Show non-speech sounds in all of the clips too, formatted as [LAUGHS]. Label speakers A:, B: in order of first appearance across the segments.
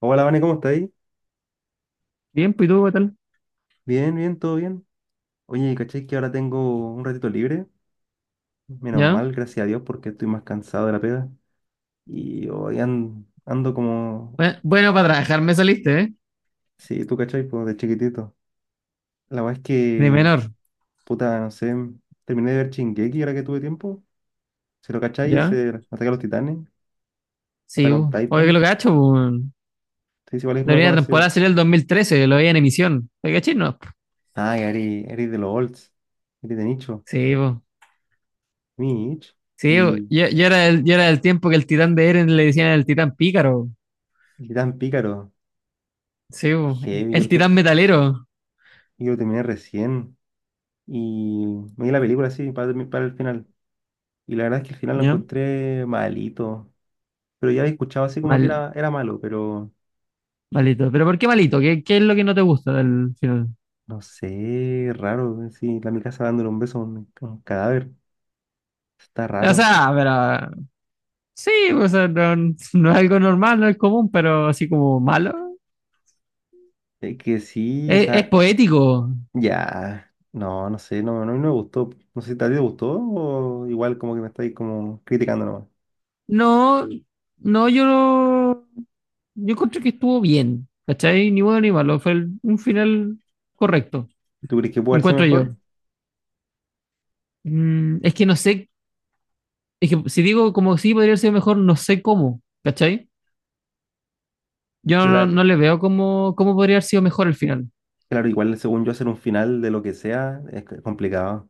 A: Hola, Vane, ¿cómo estáis?
B: Bien, pues ¿y tú qué tal?
A: Bien, bien, todo bien. Oye, ¿cachai que ahora tengo un ratito libre? Menos
B: ¿Ya?
A: mal, gracias a Dios, porque estoy más cansado de la pega. Y hoy ando como...
B: Bueno, bueno, para trabajar me saliste, ¿eh?
A: Sí, tú, ¿cachai? Pues de chiquitito. La verdad es
B: De
A: que,
B: menor,
A: puta, no sé, terminé de ver Shingeki ahora que tuve tiempo. Si lo cachai,
B: ¿ya?
A: ese Ataque a los Titanes,
B: Sí,
A: Ataque on
B: bu. Oye, que
A: Titan.
B: lo cacho, bu.
A: Sí, sí, igual es
B: La
A: medio
B: primera temporada
A: conocido.
B: salió el 2013, lo veía en emisión. ¿Te caché? No.
A: Ah, que eres de los olds, eres de nicho.
B: Sí, bu.
A: Mi nicho.
B: Sí, bu.
A: Y,
B: Yo era del tiempo que el titán de Eren le decían el titán pícaro. Bu.
A: y tan pícaro.
B: Sí, bu.
A: Heavy,
B: El titán metalero.
A: yo lo terminé recién. Y me di la película así para, para el final. Y la verdad es que el final lo
B: ¿Ya?
A: encontré malito. Pero ya había escuchado así como que
B: Mal,
A: era malo, pero
B: malito. ¿Pero por qué malito? ¿Qué es lo que no te gusta del final?
A: no sé, raro. Sí, la Mikasa dándole un beso a a un cadáver. Está
B: O
A: raro.
B: sea, pero... Sí, o sea, no, no es algo normal, no es común, pero así como malo.
A: Es que sí, o
B: Es
A: sea,
B: poético.
A: ya. No, no sé, no, no, no me gustó. No sé si a ti te gustó o igual como que me estáis como criticando nomás.
B: No, no, yo, yo encontré que estuvo bien, ¿cachai? Ni bueno ni malo, fue un final correcto,
A: ¿Tú crees que puede haber sido
B: encuentro
A: mejor?
B: yo. Mm, es que no sé, es que si digo como sí podría haber sido mejor, no sé cómo, ¿cachai? Yo
A: Claro.
B: no le veo cómo, cómo podría haber sido mejor el final.
A: Claro, igual según yo hacer un final de lo que sea es complicado.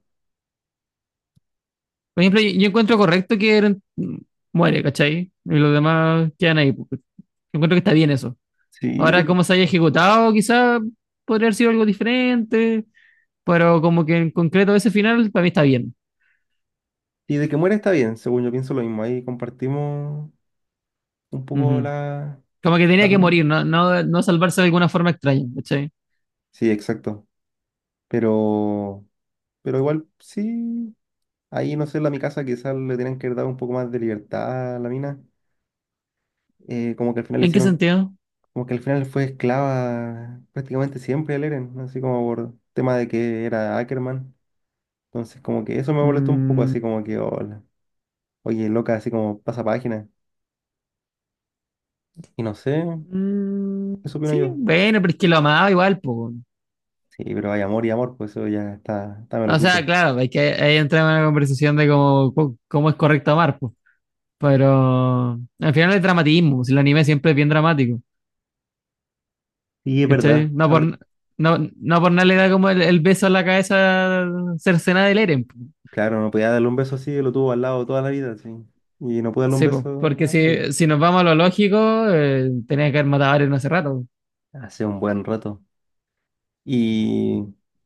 B: Por ejemplo, yo encuentro correcto que Eren muere, ¿cachai? Y los demás quedan ahí, pues. Yo encuentro que está bien eso.
A: Sí, de
B: Ahora,
A: que-
B: cómo se haya ejecutado, quizá podría haber sido algo diferente. Pero como que en concreto ese final para mí está bien.
A: Y de que muere está bien, según yo pienso lo mismo. Ahí compartimos un poco
B: Ujú. Como que
A: la
B: tenía que morir,
A: opinión.
B: no, no, no salvarse de alguna forma extraña, ¿cachai?
A: Sí, exacto. Pero, pero igual, sí. Ahí, no sé, la mi casa quizás le tenían que haber dado un poco más de libertad a la mina. Eh, como que al final le
B: ¿En qué
A: hicieron,
B: sentido?
A: Como que al final fue esclava prácticamente siempre al Eren, así como por tema de que era Ackerman. Entonces, como que eso me molestó un poco,
B: Mm,
A: así como que, "Oh, oye, loca", así como pasa página. Y no sé,
B: mm,
A: eso opino
B: sí,
A: yo.
B: bueno, pero es que lo amaba igual, pues.
A: Sí, pero hay amor y amor, pues eso ya está, está me lo
B: O sea,
A: quito.
B: claro, hay que ahí entra en una conversación de cómo, cómo es correcto amar, pues. Pero al final es dramatismo, si el anime siempre es bien dramático,
A: Y es
B: ¿cachai?
A: verdad. A ver,
B: No, no por nada le da como el beso en la cabeza cercenada del Eren.
A: claro, no podía darle un beso así, lo tuvo al lado toda la vida, sí. Y no pude darle un
B: Sí, po,
A: beso
B: porque
A: ay,
B: si, si nos vamos a lo lógico, tenía que haber matado a Arya hace rato.
A: hace un buen rato. Y,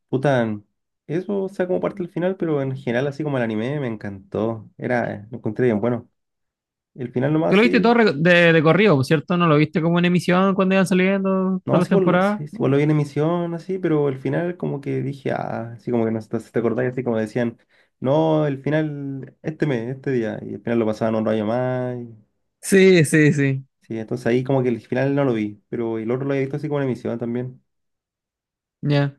A: puta, eso, o sea, como parte del final, pero en general, así como el anime, me encantó. Era, lo encontré bien bueno. El final
B: Tú
A: nomás,
B: lo viste todo
A: sí.
B: de corrido, po, ¿cierto? ¿No lo viste como en emisión cuando iban saliendo
A: No,
B: todas
A: sí,
B: las
A: igual,
B: temporadas?
A: sí, sí, igual lo
B: No.
A: vi en emisión, así, pero al final como que dije, ah, así como que no sé si te acordás, así como decían, no, el final, este mes, este día, y al final lo pasaban un rayo más, y...
B: Sí, sí, sí.
A: sí, entonces ahí como que el final no lo vi, pero el otro lo había visto así como en emisión también.
B: Ya.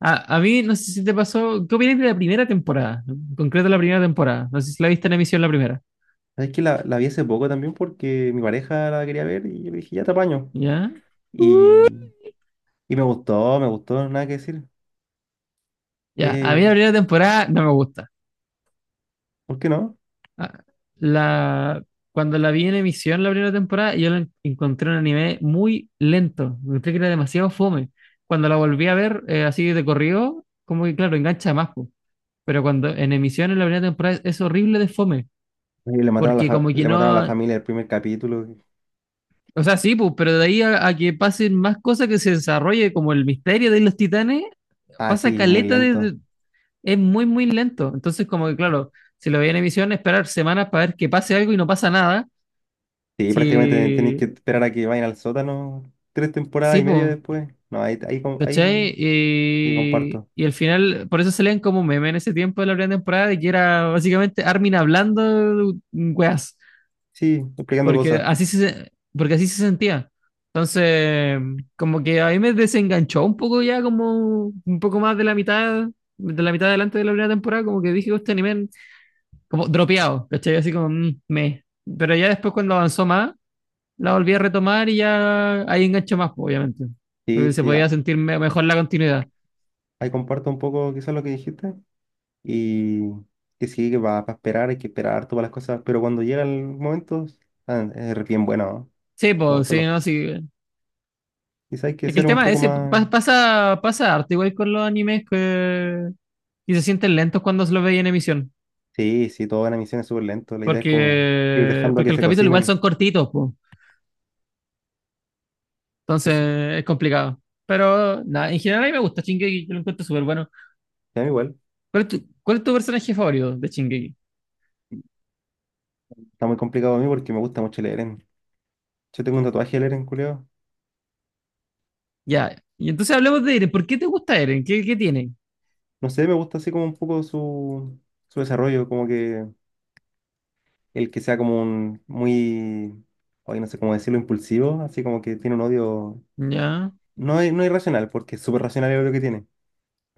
B: A mí, no sé si te pasó, ¿qué opinas de la primera temporada? En concreto la primera temporada. No sé si la viste en emisión la primera.
A: Es que la vi hace poco también porque mi pareja la quería ver y yo le dije, ya te apaño.
B: ¿Ya?
A: Y, y me gustó, nada que decir.
B: Ya, a mí
A: Eh,
B: la primera temporada no me gusta.
A: ¿Por qué no?
B: Ah, la, cuando la vi en emisión la primera temporada, yo la encontré un anime muy lento. Encontré que era demasiado fome. Cuando la volví a ver así de corrido, como que claro, engancha más, po. Pero cuando en emisión en la primera temporada es horrible de fome.
A: Y le mataron a
B: Porque como que
A: le mataron a la
B: no.
A: familia el primer capítulo.
B: O sea, sí, pues, pero de ahí a que pasen más cosas que se desarrolle, como el misterio de los titanes,
A: Ah,
B: pasa
A: sí, muy
B: caleta
A: lento.
B: es muy, muy lento. Entonces, como que claro, si lo veía en emisión, esperar semanas para ver que pase algo y no pasa nada.
A: Sí, prácticamente tenéis
B: Si
A: que esperar a que vayan al sótano tres temporadas
B: Sí,
A: y media
B: pues,
A: después. No, ahí
B: ¿cachai?
A: sí comparto.
B: Y al final, por eso se leen como meme en ese tiempo de la primera temporada, de que era básicamente Armin hablando weas,
A: Sí, explicando cosas.
B: porque así se sentía. Entonces, como que a mí me desenganchó un poco ya, como un poco más de la mitad adelante de la primera temporada, como que dije, este anime, como dropeado, ¿cachai? Así como, mm, me. Pero ya después cuando avanzó más, la volví a retomar y ya ahí enganchó más, po, obviamente.
A: Sí,
B: Porque se
A: sí,
B: podía
A: ah,
B: sentir mejor la continuidad.
A: ahí comparto un poco quizás lo que dijiste. Y que sí, que para esperar hay que esperar todas las cosas. Pero cuando llega el momento, ah, es bien bueno, ¿no?
B: Sí,
A: Como
B: pues, sí, no, sí.
A: quizás hay que
B: Es que
A: ser
B: el
A: un
B: tema
A: poco
B: es ese
A: más...
B: pasa, pasa harto igual con los animes que, y se sienten lentos cuando se los veis en emisión.
A: Sí, sí, toda la misión es súper lento. La idea es como ir
B: Porque,
A: dejando
B: porque
A: que
B: los
A: se
B: capítulos igual
A: cocinen.
B: son cortitos, pues.
A: Que se-
B: Entonces es complicado. Pero nada, en general a mí me gusta Shingeki, yo lo encuentro súper bueno.
A: A mí igual.
B: Cuál es tu personaje favorito de Shingeki?
A: Está muy complicado a mí porque me gusta mucho yo tengo un tatuaje de leer en
B: Ya. Y entonces hablemos de Eren. ¿Por qué te gusta Eren? ¿Qué, qué tiene?
A: no sé, me gusta así como un poco su, su desarrollo, como que el que sea como un muy, hoy no sé cómo decirlo, impulsivo, así como que tiene un odio,
B: Ya.
A: no, no irracional, porque es súper racional el odio que tiene,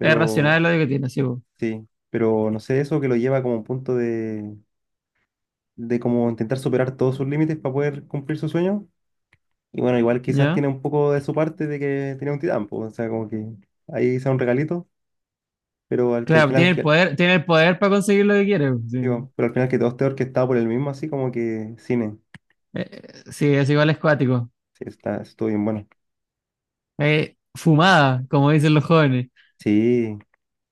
B: Es racional lo que tiene, sí, po.
A: sí, pero no sé, eso que lo lleva como a un punto de como intentar superar todos sus límites para poder cumplir su sueño. Y bueno, igual quizás
B: Ya.
A: tiene un poco de su parte de que tiene un titán, pues, o sea, como que ahí sea un regalito, pero al que al
B: Claro,
A: final que...
B: tiene el poder para conseguir lo que quiere, po, sí.
A: Digo, pero al final que todo esté orquestado por el mismo, así como que cine.
B: Eh, sí, es igual es cuático.
A: Sí, está, estuvo bien bueno.
B: Fumada, como dicen los jóvenes.
A: Sí,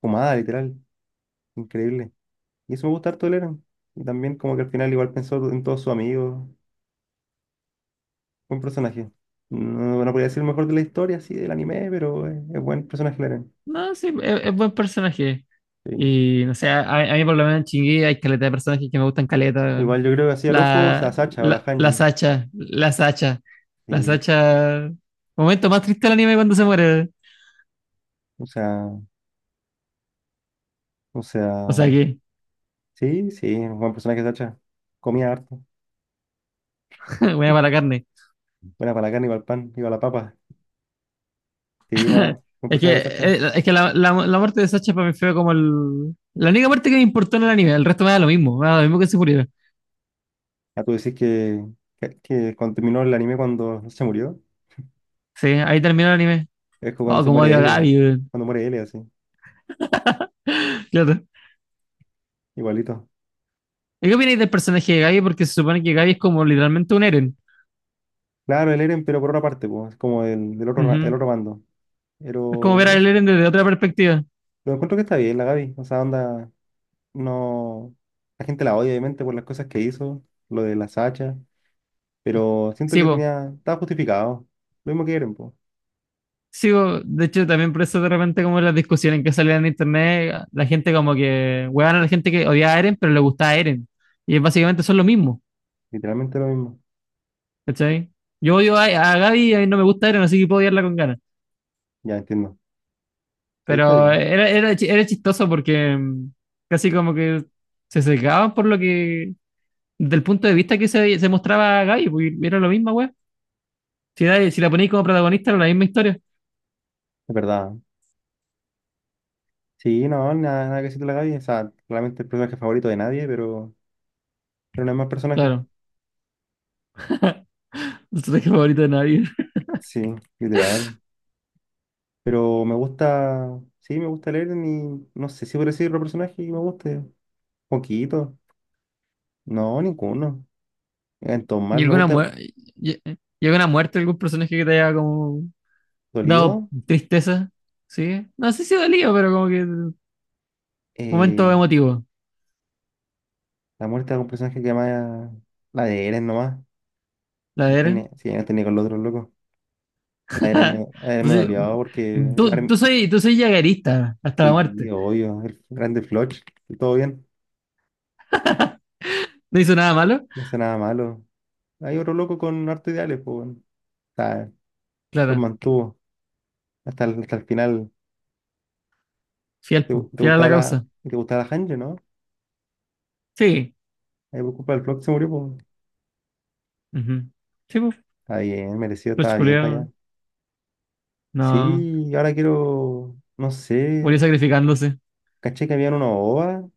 A: fumada, literal. Increíble. Y eso me gusta harto de Leran. Y también como que al final igual pensó en todos sus amigos. Buen personaje. No, no podría decir el mejor de la historia, así, del anime, pero es buen personaje Leran.
B: No, sí, es buen personaje.
A: Sí.
B: Y no sé, a mí por lo menos en Chingui hay caleta de personajes que me gustan caleta, weón.
A: Igual yo creo que hacía el ojo, o sea,
B: La,
A: Sacha o la
B: la, la
A: Hanji.
B: Sacha, la Sacha, la
A: Sí.
B: Sacha. Momento más triste del anime cuando se muere.
A: O sea, o sea,
B: O sea que,
A: sí, sí, un buen personaje Sacha. Comía harto.
B: [LAUGHS] buena para la carne.
A: Buena para la carne, iba al pan, iba a la papa. Sí, buena,
B: [LAUGHS]
A: buen personaje Sacha.
B: Es que la muerte de Sacha para mí fue como el, la única muerte que me importó en el anime. El resto me da lo mismo, me da lo mismo que se muriera.
A: Ah, tú decís que cuando terminó el anime cuando se murió.
B: Sí, ahí terminó el anime.
A: Es como cuando
B: Oh,
A: se
B: como
A: muere
B: odio a
A: L,
B: Gaby, weón.
A: cuando muere L así,
B: Claro.
A: igualito.
B: ¿Y qué opináis del personaje de Gaby? Porque se supone que Gaby es como literalmente un Eren.
A: Claro, el Eren, pero por otra parte, pues, es como el, del otro, el
B: Ujú.
A: otro bando.
B: Es como
A: Pero,
B: ver
A: no
B: al
A: sé,
B: Eren desde otra perspectiva.
A: lo encuentro que está bien la Gaby, o sea, onda, no, la gente la odia obviamente por las cosas que hizo, lo de las hachas, pero siento
B: Sí,
A: que
B: po.
A: tenía, estaba justificado, lo mismo que Eren, pues,
B: Sí, po. De hecho, también por eso de repente como las discusiones que salían en internet, la gente como que huevan a la gente que odiaba a Eren, pero le gustaba a Eren. Y básicamente son lo mismo,
A: literalmente lo mismo.
B: ¿cachai? Yo odio a Gaby y a mí no me gusta Eren, así que puedo odiarla con ganas.
A: Ya entiendo, sí, está
B: Pero
A: bien,
B: era chistoso porque casi como que se secaban por lo que, del punto de vista que se mostraba a Gaby, porque era lo mismo, weón. Si, si la ponéis como protagonista, era la misma historia.
A: es verdad. Sí, no, nada, nada que decir de la Gaby, o sea, realmente el personaje favorito de nadie, pero no hay más personaje.
B: Claro. No personaje favorito de nadie.
A: Sí, literal. Pero me gusta, sí, me gusta leer ni no sé si por decir otro personaje que me guste. Poquito. No, ninguno. En
B: ¿Y
A: mal me
B: alguna,
A: gusta
B: y alguna muerte de algún personaje que te haya como dado
A: dolido.
B: tristeza? ¿Sí? No sé si dolido, pero como que momento
A: eh,
B: emotivo.
A: la muerte de un personaje que llama la de Eren nomás.
B: La
A: No
B: de
A: tiene,
B: Eren.
A: sí, no tenía con los otros locos.
B: [LAUGHS]
A: La de Eren me
B: No,
A: dolió porque el
B: tú,
A: Armin...
B: tú soy yaguerista hasta la
A: sí,
B: muerte.
A: obvio, el grande Floch. Y todo bien.
B: ¿No hizo nada malo?
A: No hace nada malo. Hay otro loco con harto ideales, pues. Bueno, está... los
B: Claro.
A: mantuvo hasta el final.
B: Fiel,
A: ¿Te,
B: po,
A: te
B: fiel a la
A: gustaba
B: causa.
A: te gustaba la Hanjo, no?
B: Sí.
A: Ahí por culpa del Flock se murió, pues.
B: Ujú. Sí, pues.
A: Está bien, merecido,
B: Los
A: estaba vieja
B: culiados.
A: ya.
B: No.
A: Sí, y ahora quiero, no sé,
B: Murió sacrificándose.
A: caché que habían una ova,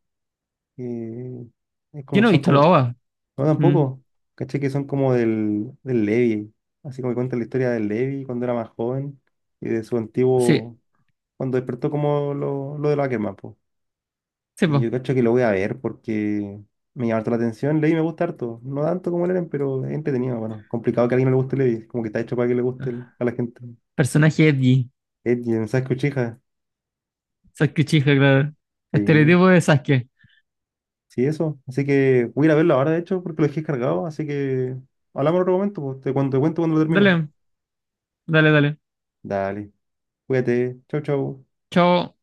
A: que es
B: Yo
A: como,
B: no he
A: son
B: visto la
A: como,
B: OVA.
A: no
B: Mm.
A: tampoco, caché que son como del Levi, así como que cuenta la historia del Levi cuando era más joven y de su
B: Sí.
A: antiguo, cuando despertó como lo de los Ackerman, pues.
B: Sí,
A: Y
B: pues.
A: yo cacho que lo voy a ver porque me llama harto la atención, Levi me gusta harto, no tanto como el Eren, pero es entretenido, bueno, complicado que a alguien no le guste Levi, como que está hecho para que le guste a la gente.
B: Personaje Edgy.
A: Ed y el mensaje Uchiha.
B: Sasuke Uchiha, claro.
A: Sí,
B: Estereotipo de Sasuke.
A: sí, eso. Así que voy a ir a verlo ahora, de hecho, porque lo dejé cargado. Así que hablamos en otro momento, pues. Te cuento cuando lo termine.
B: Dale, dale, dale.
A: Dale, cuídate. Chau, chau.
B: Chao.